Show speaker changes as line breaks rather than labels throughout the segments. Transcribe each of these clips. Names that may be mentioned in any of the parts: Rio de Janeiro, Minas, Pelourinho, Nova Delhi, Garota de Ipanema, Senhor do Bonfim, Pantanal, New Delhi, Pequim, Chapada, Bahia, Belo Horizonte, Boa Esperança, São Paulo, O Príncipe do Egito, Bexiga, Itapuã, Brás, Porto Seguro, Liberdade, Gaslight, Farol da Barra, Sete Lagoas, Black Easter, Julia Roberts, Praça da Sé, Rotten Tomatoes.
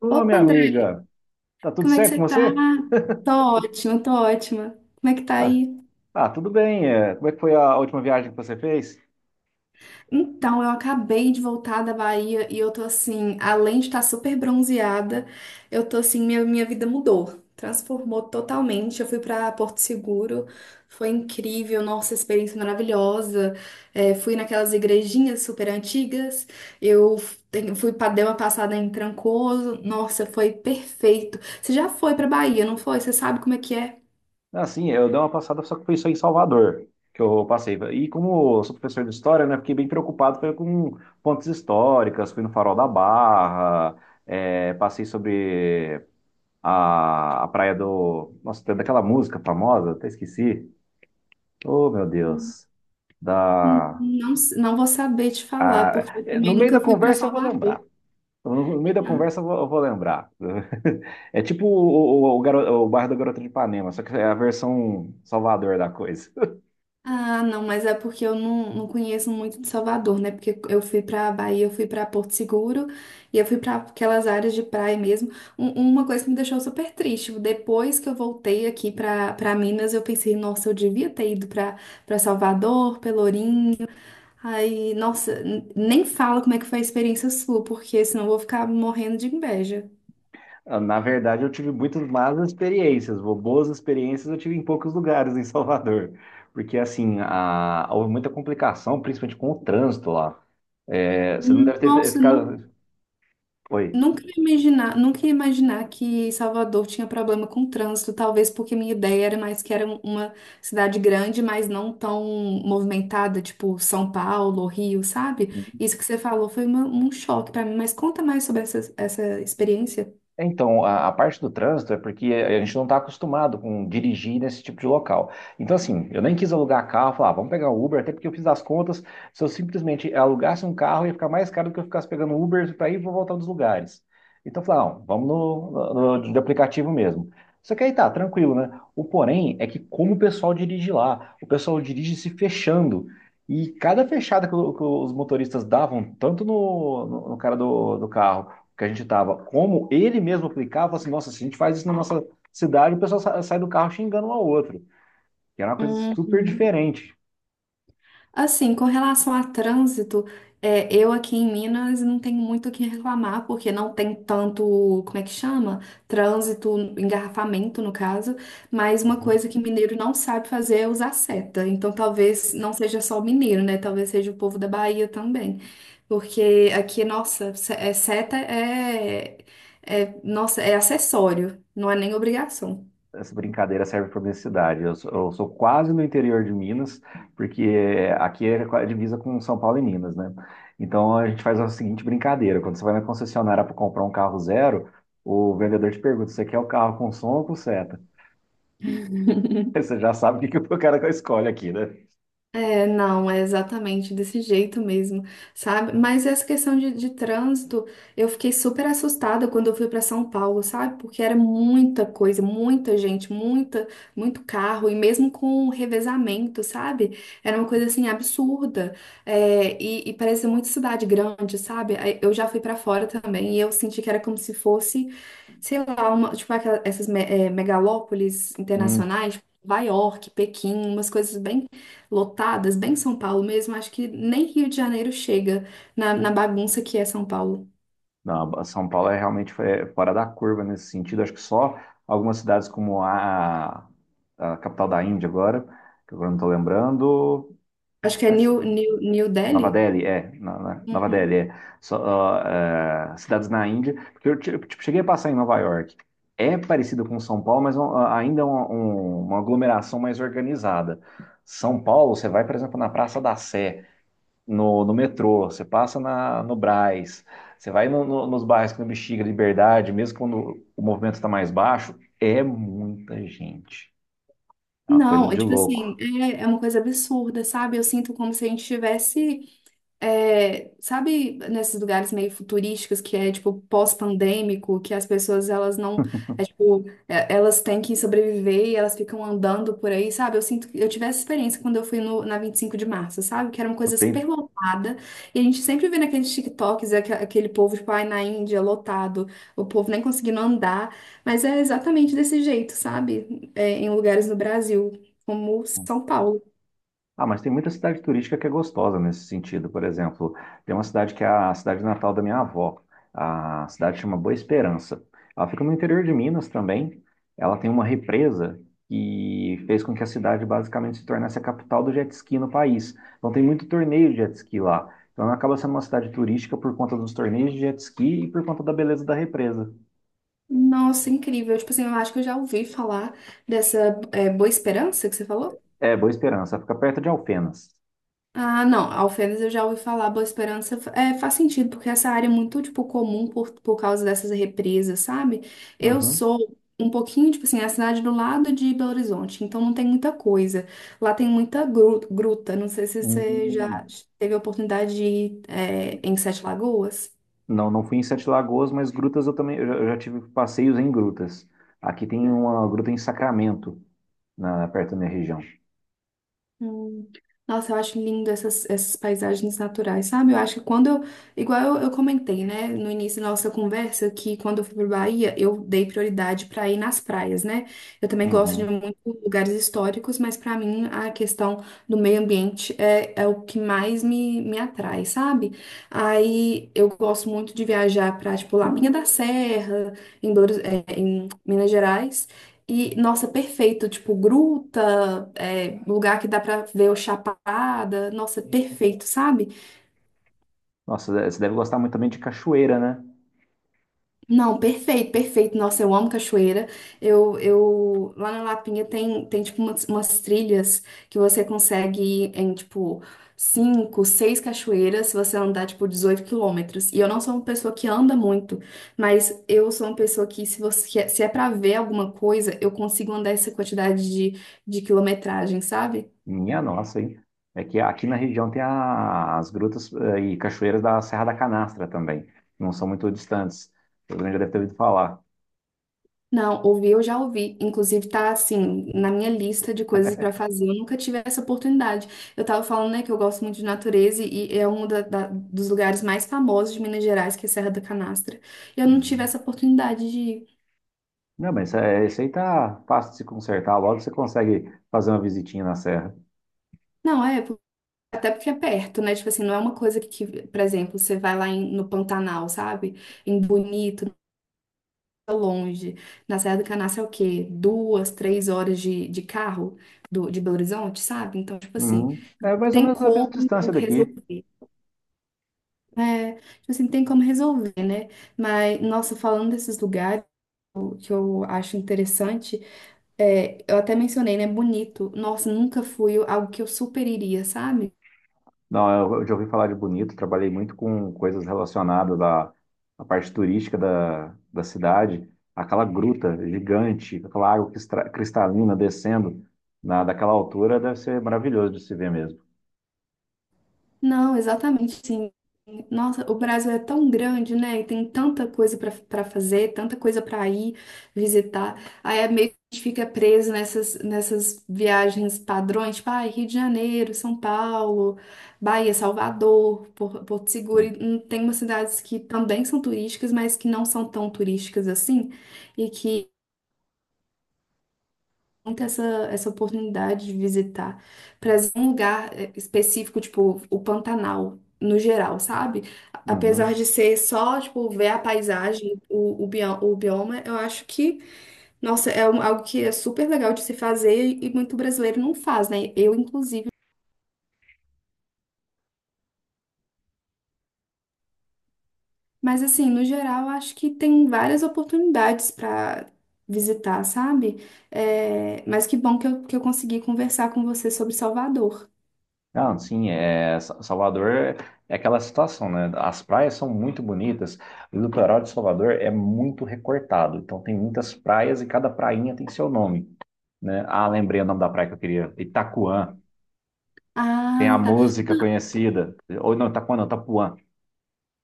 Ô,
Opa,
minha
André,
amiga, tá tudo
como é que
certo
você
com
tá?
você?
Tô ótima, tô ótima. Como é que tá
Ah,
aí?
tudo bem. Como é que foi a última viagem que você fez?
Então, eu acabei de voltar da Bahia e eu tô assim, além de estar super bronzeada, eu tô assim, minha vida mudou, transformou totalmente. Eu fui pra Porto Seguro, foi incrível, nossa, experiência maravilhosa. Fui naquelas igrejinhas super antigas, eu te- fui pra, dei uma passada em Trancoso, nossa, foi perfeito. Você já foi pra Bahia, não foi? Você sabe como é que é?
Ah, sim, eu dei uma passada, só que foi só em Salvador que eu passei. E como eu sou professor de história, né, fiquei bem preocupado foi com pontes históricas, fui no Farol da Barra, passei sobre a praia do... Nossa, tem daquela música famosa, até esqueci. Oh, meu Deus. Da...
Não, não vou saber te falar, porque eu
No
também
meio
nunca
da
fui para
conversa eu vou
Salvador.
lembrar. No meio da conversa eu vou lembrar. É tipo o bairro da Garota de Ipanema, só que é a versão Salvador da coisa.
Ah, não, mas é porque eu não conheço muito de Salvador, né? Porque eu fui para Bahia, eu fui para Porto Seguro e eu fui para aquelas áreas de praia mesmo. Uma coisa que me deixou super triste, depois que eu voltei aqui para Minas, eu pensei, nossa, eu devia ter ido para Salvador, Pelourinho. Aí, nossa, nem fala como é que foi a experiência sua, porque senão eu vou ficar morrendo de inveja.
Na verdade, eu tive muitas más experiências, boas experiências eu tive em poucos lugares em Salvador. Porque, assim, houve muita complicação, principalmente com o trânsito lá. É, você não deve ter
Nossa, não.
ficado. Oi.
Nunca ia imaginar, nunca ia imaginar que Salvador tinha problema com trânsito, talvez porque minha ideia era mais que era uma cidade grande, mas não tão movimentada, tipo São Paulo, Rio, sabe? Isso que você falou foi uma- um choque pra mim, mas conta mais sobre essa experiência.
Então, a parte do trânsito é porque a gente não está acostumado com dirigir nesse tipo de local. Então, assim, eu nem quis alugar carro, falar, "Ah, vamos pegar um Uber, até porque eu fiz as contas. Se eu simplesmente alugasse um carro, ia ficar mais caro do que eu ficasse pegando um Uber para ir e voltar dos lugares. Então, eu falei, "Ah, não, vamos de aplicativo mesmo. Só que aí tá, tranquilo, né? O porém é que como o pessoal dirige lá, o pessoal dirige se fechando. E cada fechada que os motoristas davam, tanto no cara do carro que a gente estava, como ele mesmo aplicava, assim, nossa, se a gente faz isso na nossa cidade, o pessoal sai do carro xingando um ao outro, que era uma coisa super
Uhum.
diferente.
Assim, com relação a trânsito, eu aqui em Minas não tenho muito o que reclamar, porque não tem tanto, como é que chama? Trânsito, engarrafamento no caso, mas uma
Uhum.
coisa que mineiro não sabe fazer é usar seta. Então talvez não seja só o mineiro, né? Talvez seja o povo da Bahia também. Porque aqui, nossa, é, seta é, nossa, é acessório, não é nem obrigação.
Essa brincadeira serve para minha cidade. Eu sou quase no interior de Minas, porque aqui é a divisa com São Paulo e Minas, né? Então a gente faz a seguinte brincadeira: quando você vai na concessionária para comprar um carro zero, o vendedor te pergunta: você quer o carro com som ou com seta? Aí você já sabe o que que o cara escolhe aqui, né?
É, não, é exatamente desse jeito mesmo, sabe? Mas essa questão de trânsito, eu fiquei super assustada quando eu fui para São Paulo, sabe? Porque era muita coisa, muita gente, muita, muito carro, e mesmo com o revezamento, sabe? Era uma coisa assim absurda. E parece muito cidade grande, sabe? Aí eu já fui para fora também e eu senti que era como se fosse, sei lá, uma, tipo aquela- essas megalópolis internacionais, tipo, Nova York, Pequim, umas coisas bem lotadas, bem São Paulo mesmo, acho que nem Rio de Janeiro chega na, na bagunça que é São Paulo.
Não, a São Paulo é realmente foi fora da curva nesse sentido. Acho que só algumas cidades como a capital da Índia agora, que agora não estou lembrando,
Acho que é
mas
New
Nova
Delhi?
Delhi, Nova Delhi,
Uhum.
é. Só, cidades na Índia, porque tipo, cheguei a passar em Nova York. É parecido com São Paulo, mas ainda é uma aglomeração mais organizada. São Paulo, você vai, por exemplo, na Praça da Sé, no metrô, você passa no Brás, você vai nos bairros que no Bexiga, Liberdade, mesmo quando o movimento está mais baixo, é muita gente. É uma coisa
Não, é
de
tipo assim,
louco.
é, é uma coisa absurda, sabe? Eu sinto como se a gente tivesse. É, sabe nesses lugares meio futurísticos que é tipo pós-pandêmico, que as pessoas elas não, tipo, elas têm que sobreviver e elas ficam andando por aí, sabe? Eu sinto que eu tive essa experiência quando eu fui no, na 25 de março, sabe? Que era uma
Não
coisa super
tem.
lotada e a gente sempre vê naqueles TikToks aquele povo, tipo, ai, na Índia, lotado, o povo nem conseguindo andar, mas é exatamente desse jeito, sabe? Em lugares no Brasil, como São Paulo.
Ah, mas tem muita cidade turística que é gostosa nesse sentido. Por exemplo, tem uma cidade que é a cidade natal da minha avó. A cidade chama Boa Esperança. Ela fica no interior de Minas também. Ela tem uma represa que fez com que a cidade basicamente se tornasse a capital do jet ski no país. Então tem muito torneio de jet ski lá. Então ela acaba sendo uma cidade turística por conta dos torneios de jet ski e por conta da beleza da represa.
Nossa, incrível. Tipo assim, eu acho que eu já ouvi falar dessa, Boa Esperança que você falou.
É, Boa Esperança. Ela fica perto de Alfenas.
Ah, não, Alfenas eu já ouvi falar, Boa Esperança, faz sentido, porque essa área é muito, tipo, comum por causa dessas represas, sabe? Eu
Uhum.
sou um pouquinho, tipo assim, é a cidade do lado de Belo Horizonte, então não tem muita coisa. Lá tem muita gruta, não sei se você
Hum.
já teve a oportunidade de ir, em Sete Lagoas.
Não, não fui em Sete Lagoas, mas grutas eu já tive passeios em grutas. Aqui tem uma gruta em Sacramento, perto da minha região.
Hum. Nossa, eu acho lindo essas, essas paisagens naturais, sabe? Eu acho que quando eu. Igual eu comentei, né, no início da nossa conversa, que quando eu fui para Bahia, eu dei prioridade para ir nas praias, né? Eu também gosto de
Uhum.
muitos lugares históricos, mas para mim a questão do meio ambiente é o que mais me atrai, sabe? Aí eu gosto muito de viajar para, tipo, Lapinha da Serra, em Minas Gerais. E, nossa, perfeito. Tipo, gruta, é, lugar que dá pra ver o Chapada. Nossa, perfeito, sabe?
Nossa, você deve gostar muito também de cachoeira, né?
Não, perfeito, perfeito. Nossa, eu amo cachoeira. Eu, lá na Lapinha tem, tem tipo, umas trilhas que você consegue ir em, tipo, cinco, seis cachoeiras se você andar, tipo, 18 quilômetros. E eu não sou uma pessoa que anda muito, mas eu sou uma pessoa que, se você, se é pra ver alguma coisa, eu consigo andar essa quantidade de quilometragem, sabe?
Minha nossa, hein? É que aqui na região tem as grutas e cachoeiras da Serra da Canastra também. Não são muito distantes. Todo mundo já deve ter ouvido falar.
Não, ouvir eu já ouvi. Inclusive, tá assim, na minha lista de coisas pra fazer. Eu nunca tive essa oportunidade. Eu tava falando, né, que eu gosto muito de natureza e é um dos lugares mais famosos de Minas Gerais, que é a Serra da Canastra. E eu não tive
Uhum.
essa oportunidade de ir.
Não, mas isso, isso aí tá fácil de se consertar. Logo você consegue fazer uma visitinha na serra.
Não, é, até porque é perto, né? Tipo assim, não é uma coisa que, por exemplo, você vai lá em- no Pantanal, sabe? Em Bonito, longe. Na Serra do Canastra é o quê? 2, 3 horas de carro de Belo Horizonte, sabe? Então, tipo assim,
Uhum. É mais ou
tem
menos a mesma
como
distância daqui.
resolver. É, tipo assim, tem como resolver, né? Mas, nossa, falando desses lugares, o que eu acho interessante, é, eu até mencionei, né? Bonito. Nossa, nunca fui algo que eu super iria, sabe?
Não, eu já ouvi falar de Bonito, trabalhei muito com coisas relacionadas à, à parte turística da cidade, aquela gruta gigante, aquela água que cristalina descendo daquela altura deve ser maravilhoso de se ver mesmo.
Não, exatamente, sim. Nossa, o Brasil é tão grande, né? E tem tanta coisa para fazer, tanta coisa para ir visitar. Aí é meio que a gente fica preso nessas, viagens padrões, tipo, ah, Rio de Janeiro, São Paulo, Bahia, Salvador, Porto Seguro. E tem umas cidades que também são turísticas, mas que não são tão turísticas assim, e que ter essa, essa oportunidade de visitar para um lugar, específico, tipo o Pantanal, no geral, sabe? Apesar
Uhum.
de ser só, tipo, ver a paisagem, o bioma, eu acho que, nossa, é algo que é super legal de se fazer e muito brasileiro não faz, né? Eu, inclusive. Mas, assim, no geral, eu acho que tem várias oportunidades para visitar, sabe? Mas que bom que eu consegui conversar com você sobre Salvador.
Não, sim, Salvador é é aquela situação, né? As praias são muito bonitas, o litoral de Salvador é muito recortado, então tem muitas praias e cada prainha tem seu nome, né? Ah, lembrei o nome da praia que eu queria, Itacoan. Tem a
Ah, tá.
música conhecida. Ou não, Itapuã não, Itapuã.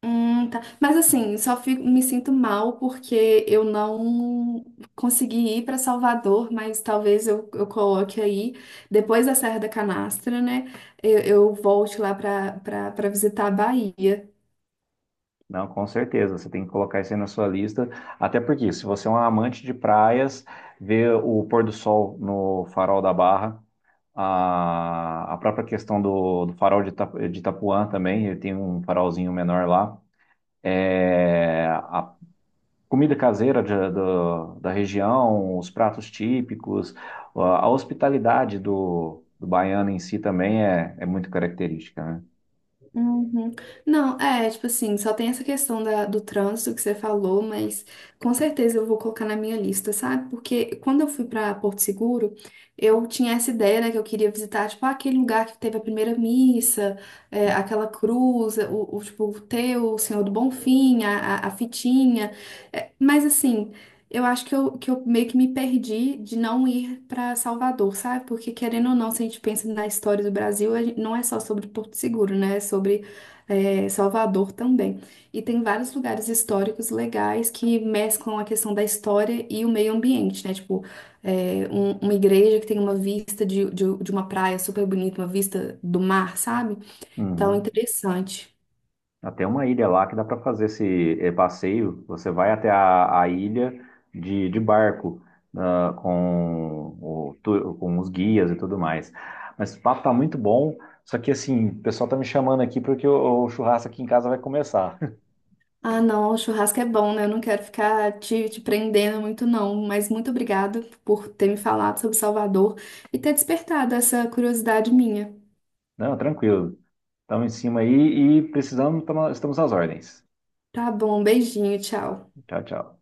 Tá. Mas assim, só fico, me sinto mal porque eu não consegui ir para Salvador, mas talvez eu coloque aí, depois da Serra da Canastra, né? Eu volte lá para visitar a Bahia.
Não, com certeza. Você tem que colocar isso aí na sua lista. Até porque, se você é um amante de praias, ver o pôr do sol no farol da Barra, a própria questão do farol de, de Itapuã também, ele tem um farolzinho menor lá. É, a comida caseira da região, os pratos típicos, a hospitalidade do baiano em si também é muito característica, né?
Uhum. Não, é, tipo assim, só tem essa questão do trânsito que você falou, mas com certeza eu vou colocar na minha lista, sabe? Porque quando eu fui pra Porto Seguro, eu tinha essa ideia, né, que eu queria visitar, tipo, aquele lugar que teve a primeira missa, é, aquela cruz, o, tipo, o Senhor do Bonfim, a fitinha. É, mas assim. Eu acho que eu meio que me perdi de não ir para Salvador, sabe? Porque querendo ou não, se a gente pensa na história do Brasil, não é só sobre Porto Seguro, né? É sobre, Salvador também. E tem vários lugares históricos legais que mesclam a questão da história e o meio ambiente, né? Tipo, é, uma igreja que tem uma vista de uma praia super bonita, uma vista do mar, sabe? Então,
Uhum.
interessante.
Até uma ilha lá que dá para fazer esse passeio. Você vai até a ilha de barco, ah, com, com os guias e tudo mais. Mas o papo tá muito bom. Só que assim, o pessoal tá me chamando aqui porque o churrasco aqui em casa vai começar.
Ah, não, o churrasco é bom, né? Eu não quero ficar te, prendendo muito, não. Mas muito obrigada por ter me falado sobre Salvador e ter despertado essa curiosidade minha.
Não, tranquilo. Estamos em cima aí e estamos às ordens.
Tá bom, beijinho, tchau.
Tchau, tchau.